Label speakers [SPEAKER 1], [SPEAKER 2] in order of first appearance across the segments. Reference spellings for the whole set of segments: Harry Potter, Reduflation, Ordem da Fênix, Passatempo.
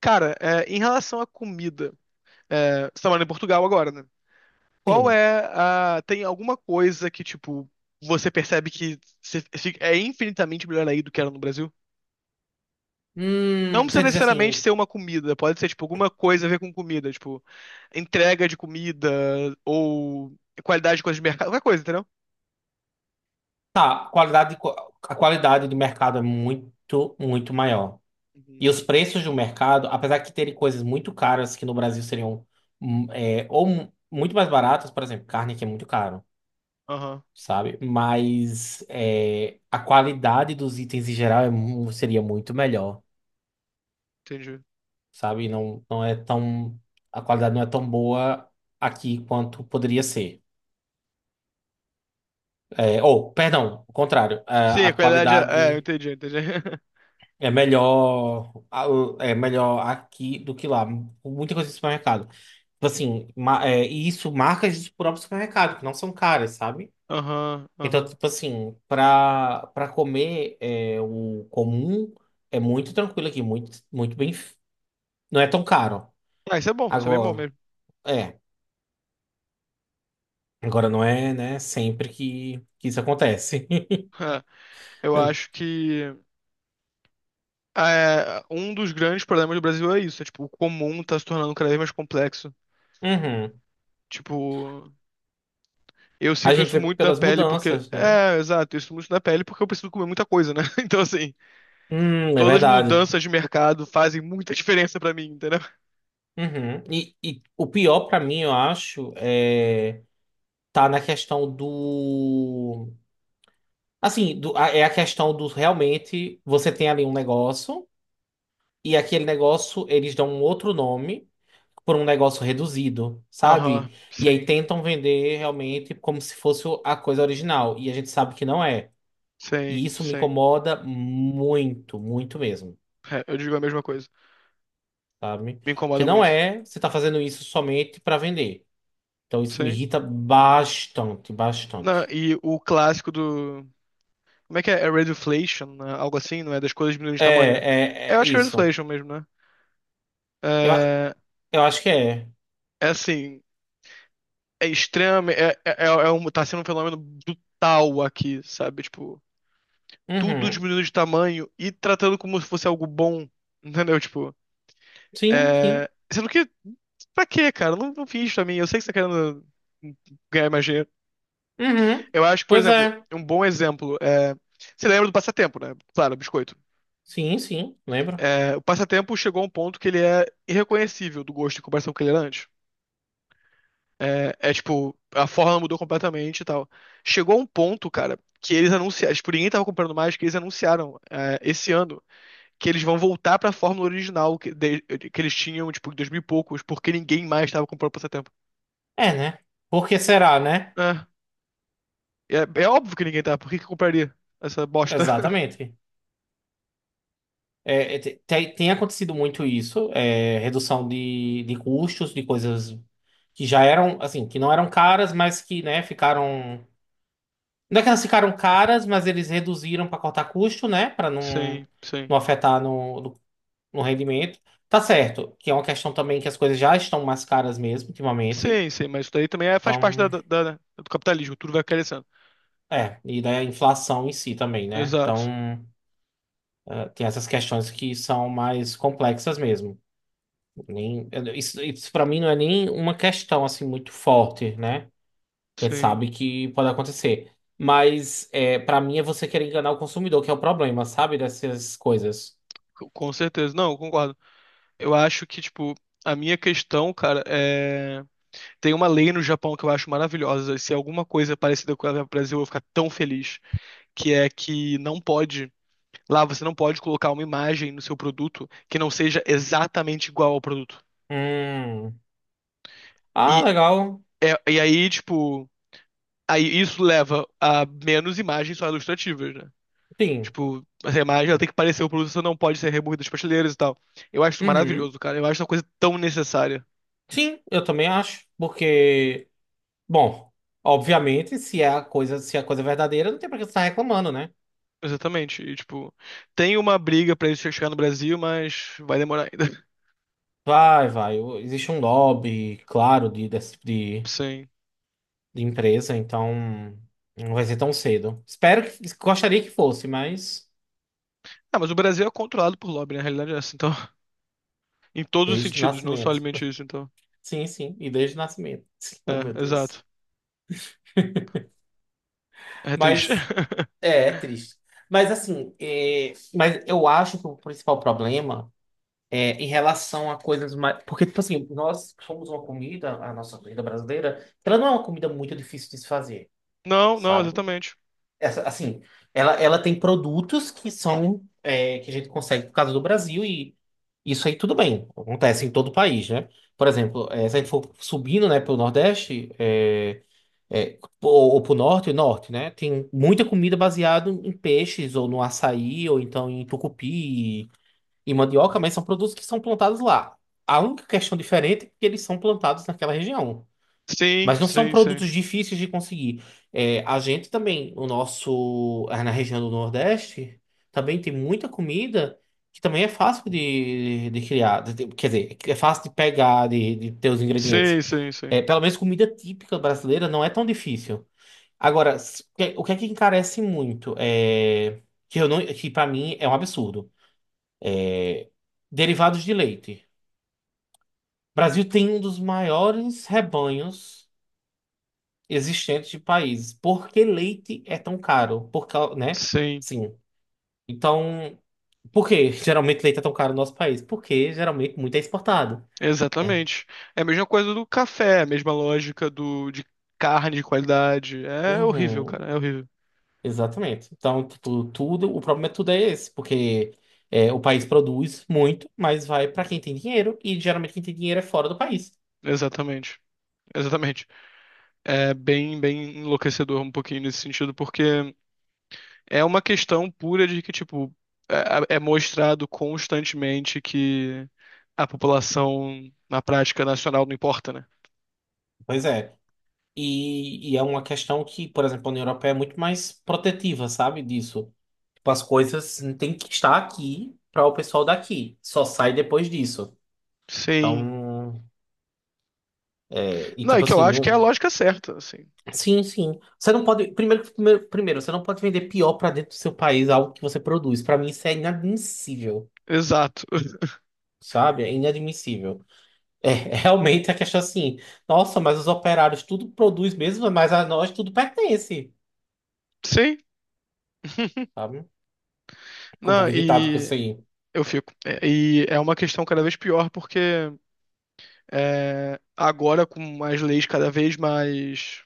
[SPEAKER 1] Cara, em relação à comida, você tá morando em Portugal agora, né? Qual
[SPEAKER 2] Sim.
[SPEAKER 1] é a. Tem alguma coisa que, tipo, você percebe que é infinitamente melhor aí do que era no Brasil? Não precisa
[SPEAKER 2] Você diz
[SPEAKER 1] necessariamente
[SPEAKER 2] assim,
[SPEAKER 1] ser uma comida, pode ser, tipo, alguma coisa a ver com comida, tipo, entrega de comida ou qualidade de coisa de mercado, qualquer coisa, entendeu?
[SPEAKER 2] tá, a qualidade do mercado é muito, muito maior.
[SPEAKER 1] Uhum.
[SPEAKER 2] E os preços do mercado, apesar de terem coisas muito caras que no Brasil seriam muito mais baratas, por exemplo, carne que é muito caro,
[SPEAKER 1] Aham,
[SPEAKER 2] sabe? A qualidade dos itens em geral seria muito melhor,
[SPEAKER 1] entendi.
[SPEAKER 2] sabe? Não, não é tão, a qualidade não é tão boa aqui quanto poderia ser. Perdão, o contrário,
[SPEAKER 1] Sim,
[SPEAKER 2] a
[SPEAKER 1] a qualidade. Eu
[SPEAKER 2] qualidade.
[SPEAKER 1] entendi, eu entendi.
[SPEAKER 2] É melhor, é melhor aqui do que lá. Muita coisa de supermercado. Tipo assim, e isso marcas do próprio supermercado, que não são caras, sabe?
[SPEAKER 1] Aham,
[SPEAKER 2] Então,
[SPEAKER 1] aham.
[SPEAKER 2] tipo assim, pra o comum é muito tranquilo aqui, muito, muito bem. Não é tão caro.
[SPEAKER 1] Ah, isso é bom, isso é bem bom
[SPEAKER 2] Agora,
[SPEAKER 1] mesmo.
[SPEAKER 2] é. Agora não é, né, sempre que isso acontece.
[SPEAKER 1] Eu acho que. É, um dos grandes problemas do Brasil é isso, é, tipo, o comum tá se tornando cada vez mais complexo.
[SPEAKER 2] Uhum.
[SPEAKER 1] Tipo, eu
[SPEAKER 2] A
[SPEAKER 1] sinto
[SPEAKER 2] gente
[SPEAKER 1] isso
[SPEAKER 2] vê
[SPEAKER 1] muito na
[SPEAKER 2] pelas
[SPEAKER 1] pele porque.
[SPEAKER 2] mudanças, né?
[SPEAKER 1] É, exato, eu sinto muito na pele porque eu preciso comer muita coisa, né? Então, assim,
[SPEAKER 2] É
[SPEAKER 1] todas as
[SPEAKER 2] verdade.
[SPEAKER 1] mudanças de mercado fazem muita diferença pra mim, entendeu?
[SPEAKER 2] Uhum. E o pior pra mim, eu acho, é tá na questão do assim, é a questão do realmente você tem ali um negócio e aquele negócio eles dão um outro nome por um negócio reduzido,
[SPEAKER 1] Aham,
[SPEAKER 2] sabe? E aí
[SPEAKER 1] sim,
[SPEAKER 2] tentam vender realmente como se fosse a coisa original e a gente sabe que não é.
[SPEAKER 1] sim,
[SPEAKER 2] E isso me
[SPEAKER 1] sim.
[SPEAKER 2] incomoda muito, muito mesmo,
[SPEAKER 1] É, eu digo a mesma coisa.
[SPEAKER 2] sabe?
[SPEAKER 1] Me
[SPEAKER 2] Porque
[SPEAKER 1] incomoda
[SPEAKER 2] não
[SPEAKER 1] muito.
[SPEAKER 2] é, você tá fazendo isso somente pra vender. Então isso me
[SPEAKER 1] Sim.
[SPEAKER 2] irrita bastante,
[SPEAKER 1] Não,
[SPEAKER 2] bastante.
[SPEAKER 1] e o clássico do. Como é que é? É Reduflation, né? Algo assim, não é? Das coisas diminuindo de tamanho. É, eu
[SPEAKER 2] É
[SPEAKER 1] acho que é
[SPEAKER 2] isso.
[SPEAKER 1] Reduflation mesmo, né?
[SPEAKER 2] Eu,
[SPEAKER 1] É,
[SPEAKER 2] eu acho que é.
[SPEAKER 1] é assim. É extremo, um, tá sendo um fenômeno brutal aqui, sabe? Tipo, tudo
[SPEAKER 2] Uhum.
[SPEAKER 1] diminuindo de tamanho e tratando como se fosse algo bom, entendeu? Tipo,
[SPEAKER 2] Sim, sim.
[SPEAKER 1] Sendo que, pra quê, cara? Não, não fiz isso pra mim, eu sei que você tá querendo ganhar mais dinheiro.
[SPEAKER 2] Uhum.
[SPEAKER 1] Eu acho que, por
[SPEAKER 2] Pois
[SPEAKER 1] exemplo,
[SPEAKER 2] é.
[SPEAKER 1] um bom exemplo é... Você lembra do Passatempo, né? Claro, biscoito.
[SPEAKER 2] Sim, sim, lembro.
[SPEAKER 1] É, o Passatempo chegou a um ponto que ele é irreconhecível do gosto em comparação com o que ele era antes. É, é, tipo, a forma mudou completamente e tal. Chegou um ponto, cara, que eles anunciaram, tipo, ninguém tava comprando mais, que eles anunciaram é, esse ano que eles vão voltar pra fórmula original que eles tinham, tipo, em 2000 e poucos, porque ninguém mais tava comprando por esse tempo.
[SPEAKER 2] É, né? Por que será, né?
[SPEAKER 1] É, é óbvio que ninguém tá, por que que compraria essa bosta?
[SPEAKER 2] Exatamente. Tem acontecido muito isso, é, redução de custos, de coisas que já eram, assim, que não eram caras, mas que, né, ficaram. Não é que elas ficaram caras, mas eles reduziram para cortar custo, né? Para não,
[SPEAKER 1] Sim, sim.
[SPEAKER 2] não afetar no no rendimento. Tá certo, que é uma questão também que as coisas já estão mais caras mesmo ultimamente.
[SPEAKER 1] Sim, sim, mas isso daí também faz
[SPEAKER 2] Então,
[SPEAKER 1] parte do capitalismo, tudo vai crescendo.
[SPEAKER 2] é, e daí a inflação em si também, né?
[SPEAKER 1] Exato.
[SPEAKER 2] Então, tem essas questões que são mais complexas mesmo. Nem, eu- isso para mim não é nem uma questão assim muito forte, né? A gente
[SPEAKER 1] Sim,
[SPEAKER 2] sabe que pode acontecer. Mas é, para mim é você querer enganar o consumidor, que é o problema, sabe? Dessas coisas.
[SPEAKER 1] com certeza. Não, eu concordo. Eu acho que, tipo, a minha questão, cara, é. Tem uma lei no Japão que eu acho maravilhosa. Se é alguma coisa é parecida com a do Brasil, eu vou ficar tão feliz. Que é que não pode. Lá você não pode colocar uma imagem no seu produto que não seja exatamente igual ao produto.
[SPEAKER 2] Hum. Ah,
[SPEAKER 1] E,
[SPEAKER 2] legal.
[SPEAKER 1] e aí, tipo. Aí isso leva a menos imagens só ilustrativas, né?
[SPEAKER 2] Sim.
[SPEAKER 1] Tipo, essa imagem ela tem que parecer o produto, você não pode ser removido das prateleiras e tal. Eu acho isso
[SPEAKER 2] Uhum.
[SPEAKER 1] maravilhoso, cara. Eu acho uma coisa tão necessária.
[SPEAKER 2] Sim, eu também acho, porque bom, obviamente, se é a coisa, se é a coisa verdadeira, não tem pra que você estar reclamando, né?
[SPEAKER 1] Exatamente. E, tipo, tem uma briga pra isso chegar no Brasil, mas vai demorar ainda.
[SPEAKER 2] Vai, vai. Existe um lobby, claro,
[SPEAKER 1] Sim.
[SPEAKER 2] de empresa, então não vai ser tão cedo. Espero que, gostaria que fosse, mas
[SPEAKER 1] Ah, mas o Brasil é controlado por lobby, na realidade é essa, então. Em todos os
[SPEAKER 2] desde o
[SPEAKER 1] sentidos, não só
[SPEAKER 2] nascimento.
[SPEAKER 1] alimentício, então.
[SPEAKER 2] Sim, sim, e desde o nascimento. Oh,
[SPEAKER 1] É,
[SPEAKER 2] meu Deus.
[SPEAKER 1] exato. É triste.
[SPEAKER 2] Mas é, é triste. Mas assim, é, mas eu acho que o principal problema é, em relação a coisas mais. Porque, tipo assim, nós somos uma comida, a nossa comida brasileira, ela não é uma comida muito difícil de se fazer,
[SPEAKER 1] Não, não,
[SPEAKER 2] sabe?
[SPEAKER 1] exatamente.
[SPEAKER 2] Essa, assim, ela tem produtos que são. É, que a gente consegue por causa do Brasil e isso aí tudo bem, acontece em todo o país, né? Por exemplo, é, se a gente for subindo, né, pro Nordeste, ou pro Norte, Norte, né? Tem muita comida baseada em peixes, ou no açaí, ou então em tucupi e mandioca, mas são produtos que são plantados lá. A única questão diferente é que eles são plantados naquela região.
[SPEAKER 1] Sim,
[SPEAKER 2] Mas não são
[SPEAKER 1] sim, sim.
[SPEAKER 2] produtos difíceis de conseguir. É, a gente também, o nosso, ah, na região do Nordeste, também tem muita comida que também é fácil de criar. Quer dizer, é fácil de pegar, de ter os ingredientes.
[SPEAKER 1] Sim, sim, sim.
[SPEAKER 2] É, pelo menos comida típica brasileira não é tão difícil. Agora, o que é que encarece muito? É, que eu não, que para mim é um absurdo. Derivados de leite. Brasil tem um dos maiores rebanhos existentes de países. Por que leite é tão caro? Né?
[SPEAKER 1] Sim,
[SPEAKER 2] Sim. Então, por que geralmente leite é tão caro no nosso país? Porque geralmente muito é exportado, né?
[SPEAKER 1] exatamente. É a mesma coisa do café, é a mesma lógica do de carne de qualidade. É horrível,
[SPEAKER 2] Uhum,
[SPEAKER 1] cara, é horrível.
[SPEAKER 2] exatamente. Então, tipo, tudo, o problema é tudo é esse, porque é, o país produz muito, mas vai para quem tem dinheiro, e geralmente quem tem dinheiro é fora do país.
[SPEAKER 1] Exatamente. Exatamente. É bem, bem enlouquecedor um pouquinho nesse sentido, porque é uma questão pura de que, tipo, é, é mostrado constantemente que a população na prática nacional não importa, né?
[SPEAKER 2] Pois é. E é uma questão que, por exemplo, a União Europeia é muito mais protetiva, sabe, disso. Tipo, as coisas tem que estar aqui para o pessoal daqui. Só sai depois disso.
[SPEAKER 1] Sim.
[SPEAKER 2] Então, é, e
[SPEAKER 1] Não, e
[SPEAKER 2] tipo
[SPEAKER 1] que eu
[SPEAKER 2] assim,
[SPEAKER 1] acho que é a
[SPEAKER 2] não.
[SPEAKER 1] lógica certa, assim.
[SPEAKER 2] Sim, sim. Você não pode. Primeiro, você não pode vender pior para dentro do seu país algo que você produz. Para mim, isso é inadmissível,
[SPEAKER 1] Exato.
[SPEAKER 2] sabe? É inadmissível. É, realmente a questão assim. Nossa, mas os operários tudo produz mesmo, mas a nós tudo pertence,
[SPEAKER 1] Sim.
[SPEAKER 2] sabe? Fico um
[SPEAKER 1] Não,
[SPEAKER 2] pouco irritado com isso aí.
[SPEAKER 1] eu fico. É, e é uma questão cada vez pior, porque é, agora, com as leis cada vez mais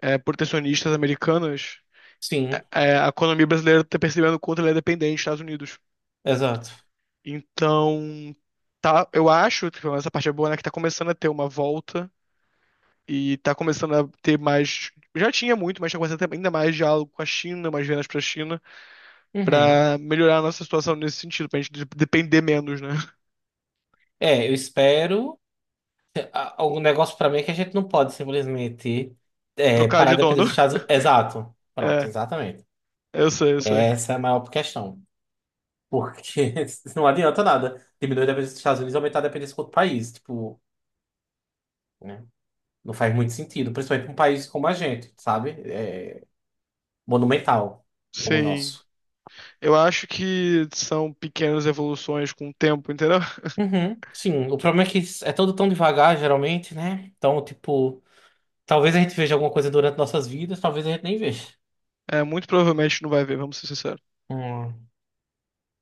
[SPEAKER 1] é, protecionistas americanas,
[SPEAKER 2] Sim,
[SPEAKER 1] é, a economia brasileira está percebendo o quanto ela é dependente dos Estados Unidos.
[SPEAKER 2] exato.
[SPEAKER 1] Então, tá, eu acho, pelo essa parte é boa, né, que tá começando a ter uma volta e tá começando a ter mais. Já tinha muito, mas tá começando a ter ainda mais diálogo com a China, mais vendas pra China,
[SPEAKER 2] Uhum.
[SPEAKER 1] pra melhorar a nossa situação nesse sentido, pra gente depender menos, né?
[SPEAKER 2] É, eu espero. O negócio pra mim é que a gente não pode simplesmente é,
[SPEAKER 1] Trocar
[SPEAKER 2] parar
[SPEAKER 1] de
[SPEAKER 2] de depender
[SPEAKER 1] dono.
[SPEAKER 2] dos Estados Unidos. Exato. Pronto,
[SPEAKER 1] É,
[SPEAKER 2] exatamente.
[SPEAKER 1] eu sei, eu sei.
[SPEAKER 2] Essa é a maior questão. Porque não adianta nada diminuir a dependência dos Estados Unidos e aumentar a dependência com outro país. Tipo, né? Não faz muito sentido. Principalmente pra um país como a gente, sabe? É, monumental como o
[SPEAKER 1] Sim.
[SPEAKER 2] nosso.
[SPEAKER 1] Eu acho que são pequenas evoluções com o tempo, entendeu?
[SPEAKER 2] Uhum, sim. O problema é que é tudo tão devagar, geralmente, né? Então, tipo, talvez a gente veja alguma coisa durante nossas vidas, talvez a gente nem veja.
[SPEAKER 1] É, muito provavelmente não vai ver, vamos ser sinceros.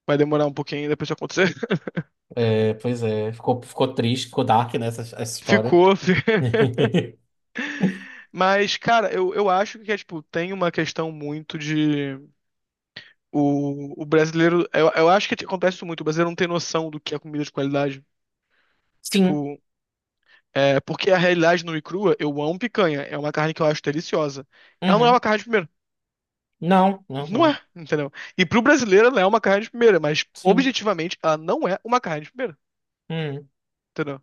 [SPEAKER 1] Vai demorar um pouquinho ainda pra isso acontecer.
[SPEAKER 2] É, pois é, ficou triste, ficou dark nessa essa história.
[SPEAKER 1] Ficou. Mas, cara, eu acho que é, tipo, tem uma questão muito de. O brasileiro. Eu acho que acontece isso muito. O brasileiro não tem noção do que é comida de qualidade.
[SPEAKER 2] Sim,
[SPEAKER 1] Tipo, é, porque a realidade nua e crua, eu amo picanha. É uma carne que eu acho deliciosa. Ela não é uma
[SPEAKER 2] uhum.
[SPEAKER 1] carne de primeira.
[SPEAKER 2] Não, não, não
[SPEAKER 1] Não
[SPEAKER 2] é.
[SPEAKER 1] é, entendeu? E pro brasileiro ela é uma carne de primeira, mas
[SPEAKER 2] Sim.
[SPEAKER 1] objetivamente ela não é uma carne de primeira,
[SPEAKER 2] Uhum.
[SPEAKER 1] entendeu?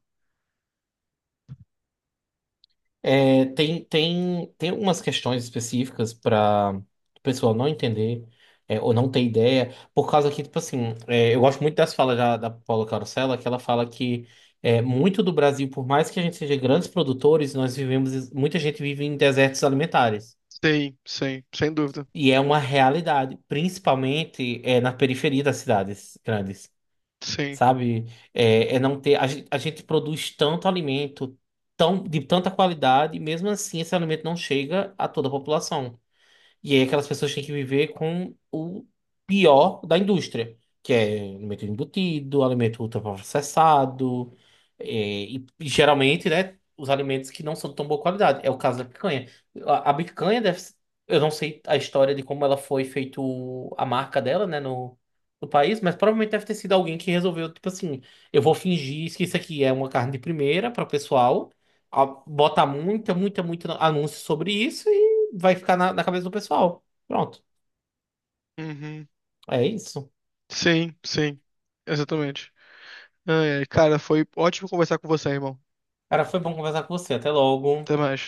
[SPEAKER 2] Tem algumas questões específicas para o pessoal não entender é, ou não ter ideia, por causa que, tipo assim, é, eu gosto muito das falas da Paula Carosella, que ela fala que é, muito do Brasil, por mais que a gente seja grandes produtores, nós vivemos, muita gente vive em desertos alimentares.
[SPEAKER 1] Sim, sim, sem dúvida.
[SPEAKER 2] E é uma realidade, principalmente é, na periferia das cidades grandes,
[SPEAKER 1] Sim.
[SPEAKER 2] sabe? É, é não ter, a gente produz tanto alimento, tão, de tanta qualidade, e mesmo assim esse alimento não chega a toda a população. E aí aquelas pessoas têm que viver com o pior da indústria, que é alimento embutido, alimento ultraprocessado, é, e geralmente, né, os alimentos que não são de tão boa qualidade. É o caso da picanha. A picanha eu não sei a história de como ela foi feito a marca dela, né, no país, mas provavelmente deve ter sido alguém que resolveu, tipo assim, eu vou fingir que isso aqui é uma carne de primeira para o pessoal, botar muito anúncio sobre isso vai ficar na cabeça do pessoal. Pronto.
[SPEAKER 1] Uhum.
[SPEAKER 2] É isso.
[SPEAKER 1] Sim, sim. Exatamente. Ai, ai, cara, foi ótimo conversar com você, irmão.
[SPEAKER 2] Cara, foi bom conversar com você. Até logo.
[SPEAKER 1] Até mais.